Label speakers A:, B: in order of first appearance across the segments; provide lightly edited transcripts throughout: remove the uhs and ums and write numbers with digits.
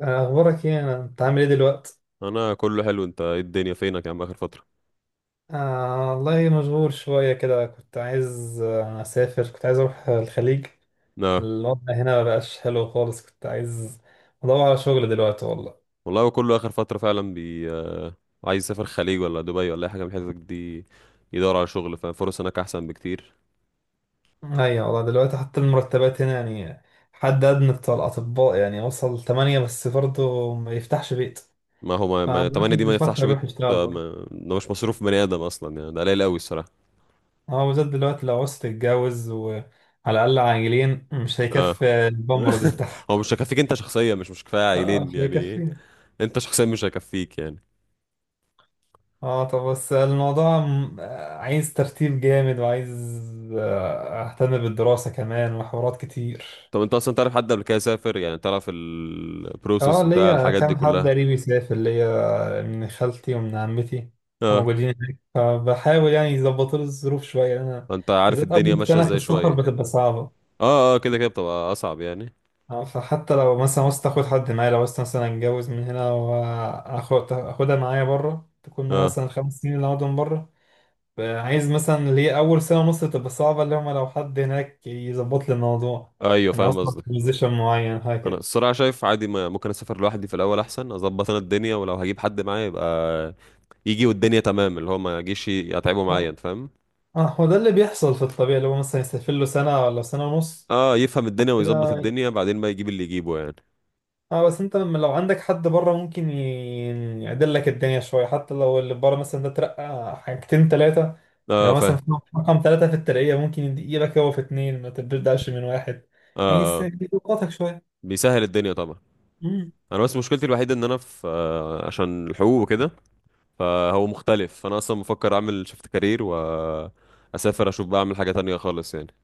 A: أخبارك إيه؟ أنت عامل إيه دلوقتي؟
B: انا كله حلو، انت ايه الدنيا فينك يا عم اخر فتره؟
A: آه والله مشغول شوية كده كنت عايز أسافر، كنت عايز أروح الخليج.
B: لا
A: الوضع هنا مبقاش حلو خالص، كنت عايز أدور على شغل دلوقتي والله.
B: والله، هو كله اخر فتره فعلا بي آه، عايز يسافر خليج ولا دبي ولا اي حاجه من الحتت دي، يدور على شغل فالفرص هناك احسن بكتير.
A: أيوة والله دلوقتي حتى المرتبات هنا، يعني حد أدنى بتاع الأطباء يعني وصل تمانية بس برضه ما يفتحش بيت.
B: ما هو ما, ما...
A: فالواحد
B: طبعا دي ما
A: بيفكر
B: يفتحش
A: يروح
B: بيت،
A: يشتغل
B: آه،
A: بره،
B: ما... ده مش مصروف بني ادم اصلا، يعني ده قليل قوي الصراحه.
A: هو بالذات دلوقتي لو عوزت تتجوز، وعلى الأقل عاجلين مش
B: اه.
A: هيكفي البامبرز بتاعها.
B: هو مش هيكفيك انت شخصيا، مش كفايه
A: اه
B: عائلين،
A: مش
B: يعني إيه؟
A: هيكفي.
B: انت شخصيا مش هيكفيك يعني.
A: اه طب بس الموضوع م- آه، عايز ترتيب جامد، وعايز اهتم بالدراسة كمان وحوارات كتير.
B: طب انت اصلا تعرف حد قبل كده سافر؟ يعني تعرف
A: اه
B: البروسيس بتاع
A: ليا
B: الحاجات دي
A: كام حد
B: كلها؟
A: قريبي يسافر ليا، من خالتي ومن عمتي
B: اه،
A: موجودين هناك، فبحاول يعني يظبطوا لي الظروف شوية. انا
B: فانت عارف
A: بالذات
B: الدنيا
A: اول
B: ماشيه
A: سنة في
B: ازاي
A: السفر
B: شويه.
A: بتبقى صعبة.
B: اه، اه، كده كده بتبقى اصعب يعني.
A: اه فحتى لو مثلا عاوزت اخد حد معايا، لو عاوزت مثلا اتجوز من هنا واخد اخدها معايا بره، تكون معايا
B: اه،
A: مثلا 5 سنين اللي اقعدهم بره. عايز مثلا ليه اول سنه ونص تبقى صعبه، اللي هم لو حد هناك يظبط لي الموضوع.
B: ايوه
A: انا
B: فاهم
A: اصلا في
B: قصدك.
A: بوزيشن معين
B: انا
A: هكذا.
B: الصراحه شايف عادي، ما ممكن اسافر لوحدي في الاول احسن اظبط انا الدنيا، ولو هجيب حد معايا يبقى يجي والدنيا تمام، اللي هو ما يجيش يتعبه معايا،
A: اه
B: انت فاهم.
A: هو ده اللي بيحصل في الطبيعي، اللي هو مثلا يسافر له سنه ولا سنه ونص
B: اه، يفهم الدنيا
A: كده.
B: ويظبط الدنيا بعدين بقى يجيب اللي يجيبه يعني.
A: اه بس انت لما لو عندك حد بره ممكن يعدل لك الدنيا شويه، حتى لو اللي بره مثلا ده ترقى حاجتين ثلاثه. يعني
B: اه
A: مثلا
B: فاهم.
A: في رقم ثلاثه في الترقيه ممكن يديلك هو في اثنين، ما تبداش من واحد. يعني
B: اه، اه،
A: يضغطك شويه.
B: بيسهل الدنيا طبعا. انا بس مشكلتي الوحيده ان انا في عشان الحقوق وكده، فهو مختلف، فانا اصلا مفكر اعمل شيفت كارير واسافر اشوف بقى، اعمل حاجه تانية خالص يعني.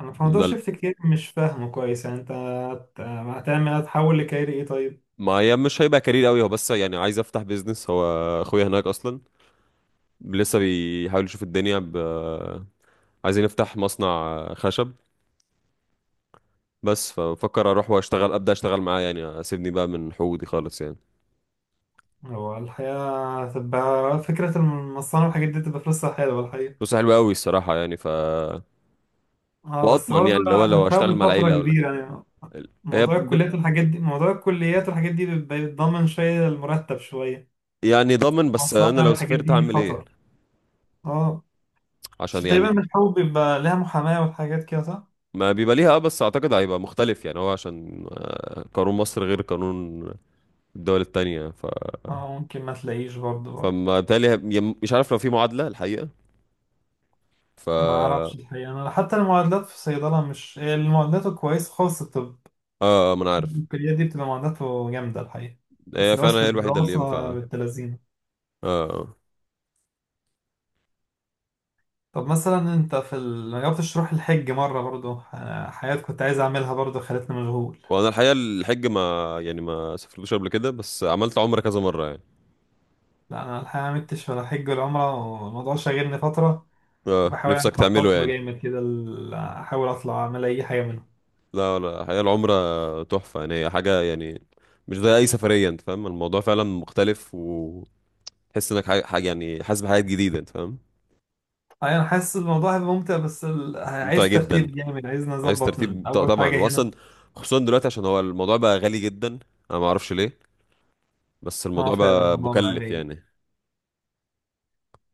A: انا في موضوع
B: لا،
A: شيفت كتير مش فاهمه كويس، يعني انت هتعمل، هتحول لكاري ايه طيب؟
B: ما هي مش هيبقى كارير قوي، هو بس يعني عايز افتح بيزنس، هو اخويا هناك اصلا لسه بيحاول يشوف الدنيا عايزين نفتح مصنع خشب، بس ففكر اروح واشتغل، ابدا اشتغل معاه، يعني اسيبني بقى من حقوقي خالص يعني.
A: هو الحقيقة هتبقى فكرة المصانع والحاجات دي تبقى فلوسها حلوة الحقيقة.
B: فلوسه حلوه قوي الصراحه يعني
A: اه بس
B: واضمن
A: برضه
B: يعني لو
A: أنا
B: لو اشتغل
A: فاهمه
B: مع
A: فترة
B: العيله ولا كده.
A: كبيرة يعني.
B: هي
A: موضوع الكليات والحاجات دي بيبقى بيتضمن شوية، المرتب شوية
B: يعني ضامن، بس انا
A: المصانع
B: لو
A: والحاجات
B: سافرت
A: دي
B: هعمل ايه؟
A: خطر. اه
B: عشان
A: عشان تقريبا
B: يعني
A: الحقوق بيبقى لها محاماة والحاجات كده صح؟
B: ما بيبقى ليها بس اعتقد هيبقى مختلف يعني، هو عشان قانون مصر غير قانون الدول التانية.
A: اه ممكن ما تلاقيش برضه.
B: فما تالي، مش عارف لو في معادلة الحقيقة ف
A: ما
B: اه
A: اعرفش الحقيقة، انا حتى المعادلات في الصيدلة مش المعادلات الكويسة خالص.
B: آه، ما انا عارف.
A: الكليات دي بتبقى معداته جامدة الحقيقة. بس
B: هي فعلا هي الوحيدة اللي ينفع
A: الدراسة
B: اه.
A: بالتلازيم.
B: آه.
A: طب مثلا انت ما جربتش تروح الحج مرة برضو؟ أنا حاجات كنت عايز اعملها برضو خلتني مشغول.
B: وانا الحقيقة الحج، ما يعني ما سافرتوش قبل كده، بس عملت عمرة كذا مرة يعني.
A: لا انا الحقيقة ما عملتش ولا حج ولا عمرة، والموضوع شاغلني فترة،
B: اه
A: وبحاول يعني
B: نفسك تعمله
A: اخطط له
B: يعني.
A: جامد كده، احاول اطلع اعمل اي حاجة منهم.
B: لا، لا، الحقيقة العمرة تحفة، يعني هي حاجة يعني، مش زي اي سفرية، انت فاهم الموضوع فعلا مختلف، وتحس انك حاجة حاجة يعني، حاسس بحاجات جديدة انت فاهم.
A: أي انا حاسس الموضوع هيبقى ممتع، بس
B: ممتع
A: عايز
B: جدا.
A: ترتيب جامد، عايز
B: عايز
A: نظبط من
B: ترتيب، ط-
A: اول
B: طبعا
A: حاجة هنا.
B: واصلا، خصوصا دلوقتي عشان هو الموضوع بقى غالي جدا، انا ما اعرفش ليه، بس
A: اه
B: الموضوع
A: فعلا
B: بقى
A: الموضوع بقى
B: مكلف
A: غالي.
B: يعني.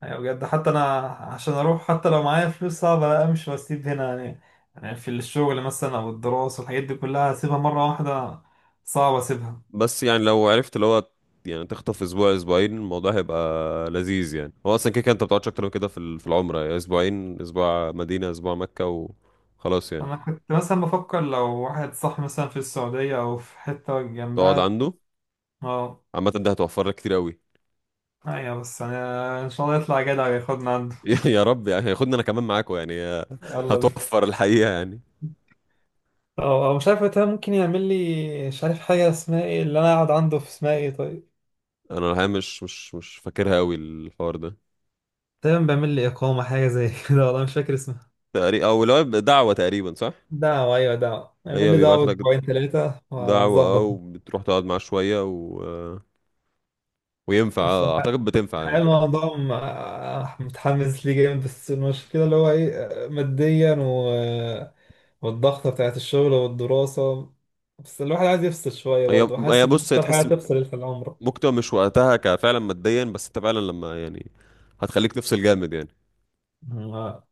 A: يعني بجد حتى انا عشان اروح، حتى لو معايا فلوس صعب لا امشي واسيب هنا يعني. يعني في الشغل مثلا او الدراسه والحاجات دي كلها، اسيبها مره واحده صعب اسيبها.
B: بس يعني لو عرفت اللي هو، يعني تخطف اسبوع اسبوعين الموضوع هيبقى لذيذ يعني، هو اصلا كده كده انت ما بتقعدش اكتر من كده في في العمره، يعني اسبوعين، اسبوع مدينه اسبوع مكه وخلاص يعني.
A: انا كنت مثلا بفكر لو واحد صح مثلا في السعوديه او في حته
B: تقعد
A: جنبها.
B: عنده.
A: اه
B: عامه ده هتوفر لك كتير قوي.
A: ايوه بس يعني ان شاء الله يطلع جدع وياخدنا عنده.
B: يا رب يعني، هياخدني انا كمان معاكم يعني.
A: يلا بينا.
B: هتوفر الحقيقه يعني.
A: اه مش عارف وقتها ممكن يعمل لي، مش عارف حاجة اسمها ايه، اللي انا اقعد عنده في اسمها ايه طيب.
B: انا الحقيقه مش فاكرها قوي الحوار ده.
A: تقريبا بيعمل لي اقامة، حاجة زي كده والله مش فاكر اسمها.
B: تقريبا، او لو دعوه تقريبا، صح.
A: دعوة، أيوة دعوة، اعمل
B: هي
A: لي
B: بيبعت
A: دعوة
B: لك
A: أسبوعين ثلاثة
B: دعوه،
A: وهنظبط.
B: او بتروح تقعد معاه شويه، وينفع،
A: بس
B: اعتقد بتنفع
A: الحقيقة
B: يعني.
A: الموضوع م- آه، متحمس ليه جامد، بس المشكلة اللي هو إيه، ماديا والضغطة بتاعت الشغل والدراسة. بس الواحد عايز يفصل شوية
B: هي
A: برضه، حاسس
B: هي
A: إن
B: بص، هي
A: أكتر حاجة
B: تحس
A: تفصل في العمر.
B: ممكن تبقى مش وقتها كفعلا ماديا، بس انت فعلا لما يعني هتخليك تفصل جامد يعني،
A: آه.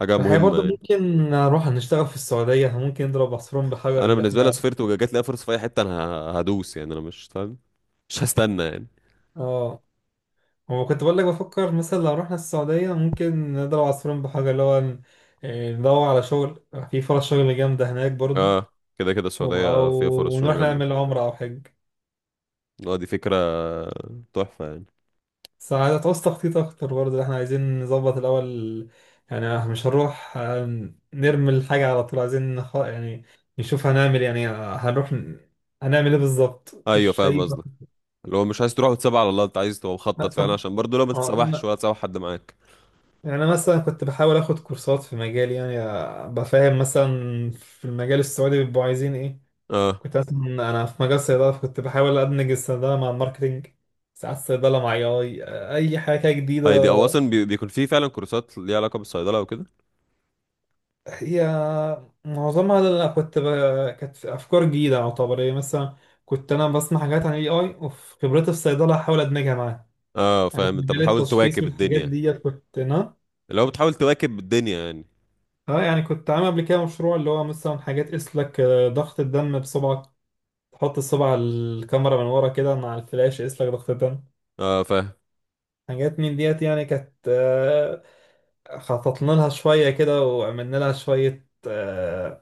B: حاجه
A: الحقيقة
B: مهمه
A: برضه
B: يعني.
A: ممكن نروح نشتغل في السعودية، ممكن نضرب عصفورين بحجر
B: انا
A: اللي
B: بالنسبه لي لو
A: إحنا.
B: سافرت وجات لي فرصه في اي حته انا هدوس، يعني انا مش فاهم، مش هستنى يعني.
A: آه هو كنت بقول لك بفكر مثلا لو رحنا السعودية ممكن نضرب عصفورين بحجر، اللي هو ندور على شغل، في فرص شغل جامدة هناك برضو.
B: اه، كده كده السعوديه فيها فرص
A: أو
B: شغل
A: نروح
B: جامده.
A: نعمل عمرة أو حج.
B: اه دي فكره تحفه يعني.
A: بس تعوز تخطيط أكتر برضو، احنا عايزين نظبط الأول. يعني مش هنروح نرمي الحاجة على طول، عايزين يعني نشوف هنعمل إيه، يعني هنعمل ايه بالظبط،
B: ايوه
A: مفيش
B: فاهم
A: أي.
B: قصدك، اللي هو مش عايز تروح وتسيبها على الله، انت عايز تبقى مخطط فعلا،
A: طب
B: عشان برضه لو ما تتسوحش
A: آه،
B: ولا تسوح حد معاك.
A: يعني انا مثلا كنت بحاول اخد كورسات في مجالي، يعني بفهم مثلا في المجال السعودي بيبقوا عايزين ايه.
B: اه،
A: كنت مثلا انا في مجال الصيدله كنت بحاول ادمج الصيدله مع الماركتينج، ساعات الصيدله مع اي حاجه كده جديده.
B: هي دي او اصلا بيكون في فعلا كورسات ليها علاقه بالصيدله وكده.
A: هي معظمها اللي انا كانت افكار جديده يعتبر، يعني مثلا كنت انا بسمع حاجات عن الاي اي وفي خبرتي في الصيدله احاول ادمجها معاها.
B: اه
A: يعني في
B: فاهم، انت
A: مجال
B: بتحاول
A: التشخيص
B: تواكب
A: والحاجات
B: الدنيا.
A: دي كنت انا.
B: اللي هو بتحاول تواكب الدنيا يعني.
A: اه يعني كنت عامل قبل كده مشروع، اللي هو مثلا حاجات تقيس لك ضغط الدم بصبعك، تحط الصبع على الكاميرا من ورا كده مع الفلاش يقيس لك ضغط الدم.
B: اه فاهم.
A: حاجات من ديت يعني، كانت خططنا لها شوية كده، وعملنا لها شوية،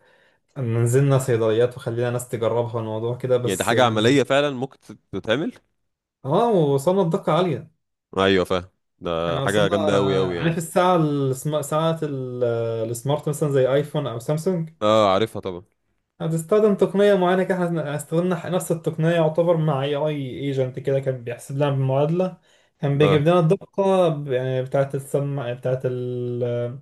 A: نزلنا صيدليات وخلينا ناس تجربها الموضوع كده
B: يعني دي
A: بس
B: حاجة عملية
A: يعني.
B: فعلا ممكن تتعمل.
A: اه وصلنا لدقة عالية.
B: ايوه فاهم. ده
A: يعني
B: حاجة
A: وصلنا،
B: جامدة اوي اوي يعني.
A: عارف الساعة السمارت، مثلا زي ايفون او سامسونج،
B: اه عارفها طبعا.
A: هتستخدم تقنية معينة كده، احنا استخدمنا نفس التقنية يعتبر مع اي اي ايجنت كده، كان بيحسب لنا بالمعادلة. كان بيجيب
B: اه،
A: لنا الدقة يعني بتاعة السمع بتاعة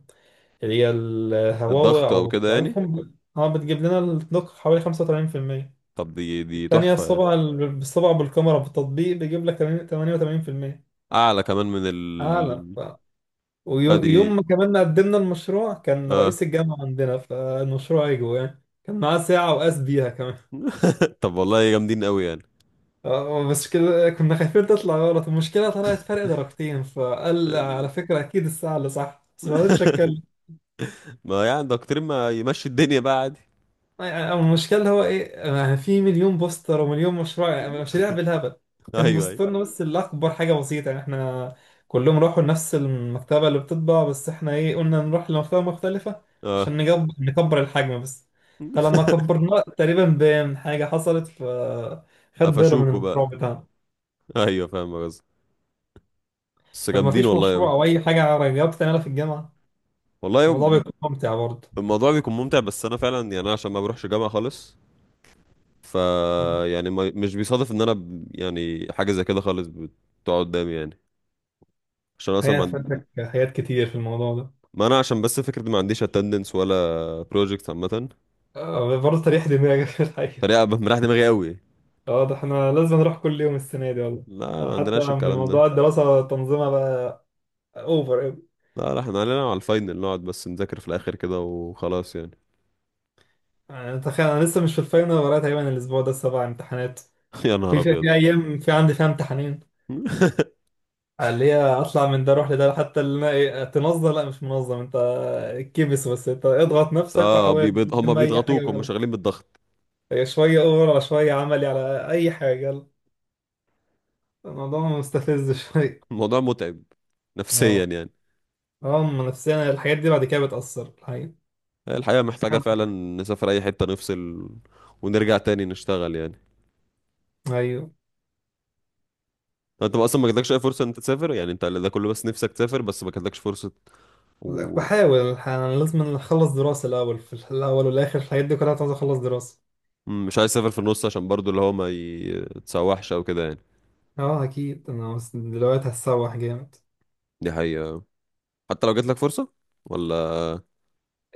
A: اللي هي الهواوي
B: الضغط او
A: أو
B: كده يعني.
A: ضعيفهم، اه بتجيب لنا الدقة حوالي 35%.
B: طب دي
A: التانية
B: تحفة يعني.
A: الصبع بالصبع بالكاميرا بالتطبيق بيجيب لك 88%.
B: اعلى كمان من
A: أعلى ف...
B: آه،
A: ويوم
B: دي،
A: ما كمان قدمنا المشروع كان
B: اه.
A: رئيس الجامعة عندنا فالمشروع اجوا، يعني كان معاه ساعة وقاس بيها كمان.
B: طب والله جامدين اوي يعني.
A: بس كده كنا خايفين تطلع غلط، المشكلة طلعت فرق درجتين، فقال على
B: ال-
A: فكرة أكيد الساعة اللي صح، بس ما رضيتش أتكلم.
B: ما يعني دكتور ما يمشي الدنيا بقى عادي.
A: يعني المشكلة اللي هو إيه، يعني في مليون بوستر ومليون مشروع، يعني مشاريع بالهبل، كان
B: ايوه، ايوه.
A: بوسترنا بس اللي أكبر حاجة بسيطة، يعني إحنا كلهم راحوا لنفس المكتبة اللي بتطبع، بس إحنا إيه قلنا نروح لمكتبة مختلفة
B: اه.
A: عشان نكبر الحجم بس. فلما كبرناه تقريبا بان حاجة حصلت، فخد ضرر من
B: قفشوكوا بقى.
A: المشروع بتاعنا.
B: ايوه فاهم قصدي. بس
A: فما
B: جامدين
A: فيش
B: والله أوي.
A: مشروع أو أي حاجة جاوبت تعملها في الجامعة،
B: والله
A: الموضوع بيكون ممتع برضه.
B: الموضوع بيكون ممتع، بس انا فعلا يعني، انا عشان ما بروحش جامعة خالص ف
A: مم.
B: يعني ما مش بيصادف ان انا يعني حاجة زي كده خالص بتقعد قدامي يعني، عشان اصلا
A: هي فاتك حاجات كتير في الموضوع ده.
B: ما انا عشان بس فكرة ما عنديش اتندنس ولا بروجكت عامة،
A: برضه تريح دماغك في الحقيقة.
B: فدي أبقى مريح دماغي قوي.
A: واضح احنا لازم نروح كل يوم السنة دي والله،
B: لا ما
A: حتى
B: عندناش
A: من
B: الكلام ده.
A: موضوع الدراسة، تنظيمها بقى اوفر أوي.
B: لا، لا، احنا علينا على الفاينل نقعد بس نذاكر في الاخر كده وخلاص يعني.
A: يعني تخيل انا لسه مش في الفاينل، ورايا تقريبا الاسبوع ده 7 امتحانات.
B: يا
A: في
B: نهار
A: في,
B: ابيض.
A: في ايام في عندي فيها امتحانين، اللي هي اطلع من ده اروح لده. حتى اللي انا تنظم لا مش منظم انت، كبس بس انت اضغط نفسك
B: اه
A: وحاول
B: هم
A: تلم اي حاجة
B: بيضغطوك، هم
A: يلا.
B: شغالين بالضغط.
A: هي شوية اوفر على شوية عملي على اي حاجة يلا، الموضوع مستفز شوية.
B: الموضوع متعب نفسيا
A: اه
B: يعني.
A: اه أما نفسيا الحاجات دي بعد كده بتأثر الحقيقة.
B: الحقيقة محتاجة فعلا نسافر أي حتة، نفصل ونرجع تاني نشتغل يعني.
A: أيوه
B: أنت بقى أصلا ما جاتلكش أي فرصة إن أنت تسافر؟ يعني أنت ده كله بس نفسك تسافر، بس ما جاتلكش فرصة، ومش
A: بحاول الحقيقة، أنا لازم أخلص دراسة الأول، في الأول والآخر الحاجات دي كلها عاوز أخلص دراسة.
B: عايز تسافر في النص، عشان برضو اللي هو ما يتسوحش أو كده يعني.
A: اه أكيد أنا بس دلوقتي هتسوح جامد.
B: دي حقيقة. حتى لو جاتلك فرصة ولا،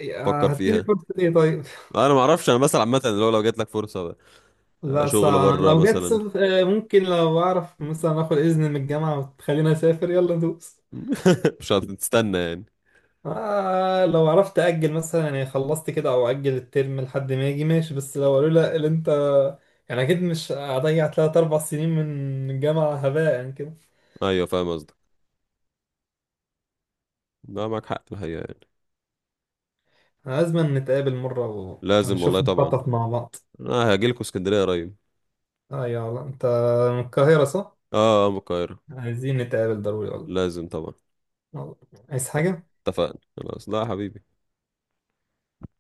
A: يا
B: فكر
A: هتجيلي
B: فيها.
A: فرصة إيه طيب؟
B: أنا ما أعرفش، أنا مثلا عامة اللي هو لو جاتلك فرصة،
A: لا
B: شغل
A: صعب
B: بره
A: لو جت
B: مثلا.
A: سف- آه، ممكن لو أعرف مثلا آخد إذن من الجامعة وتخليني أسافر يلا ندوس.
B: مش هتستنى يعني.
A: آه لو عرفت أجل مثلا، يعني خلصت كده أو أجل الترم لحد ما يجي ماشي، بس لو قالوا لا اللي أنت، يعني أكيد مش هضيع تلات أربع سنين من الجامعة هباء يعني كده.
B: أيوة فاهم قصدك. لا معاك حق الحقيقة يعني.
A: لازم نتقابل مرة
B: لازم والله
A: ونشوف
B: طبعا.
A: نخطط مع بعض.
B: أنا هجيلكوا اسكندرية قريب.
A: أيوة والله، أنت من القاهرة صح؟
B: اه، من القاهرة.
A: عايزين نتقابل ضروري والله.
B: لازم طبعا.
A: والله. عايز
B: ت-
A: حاجة؟
B: اتفقنا خلاص. لا يا حبيبي.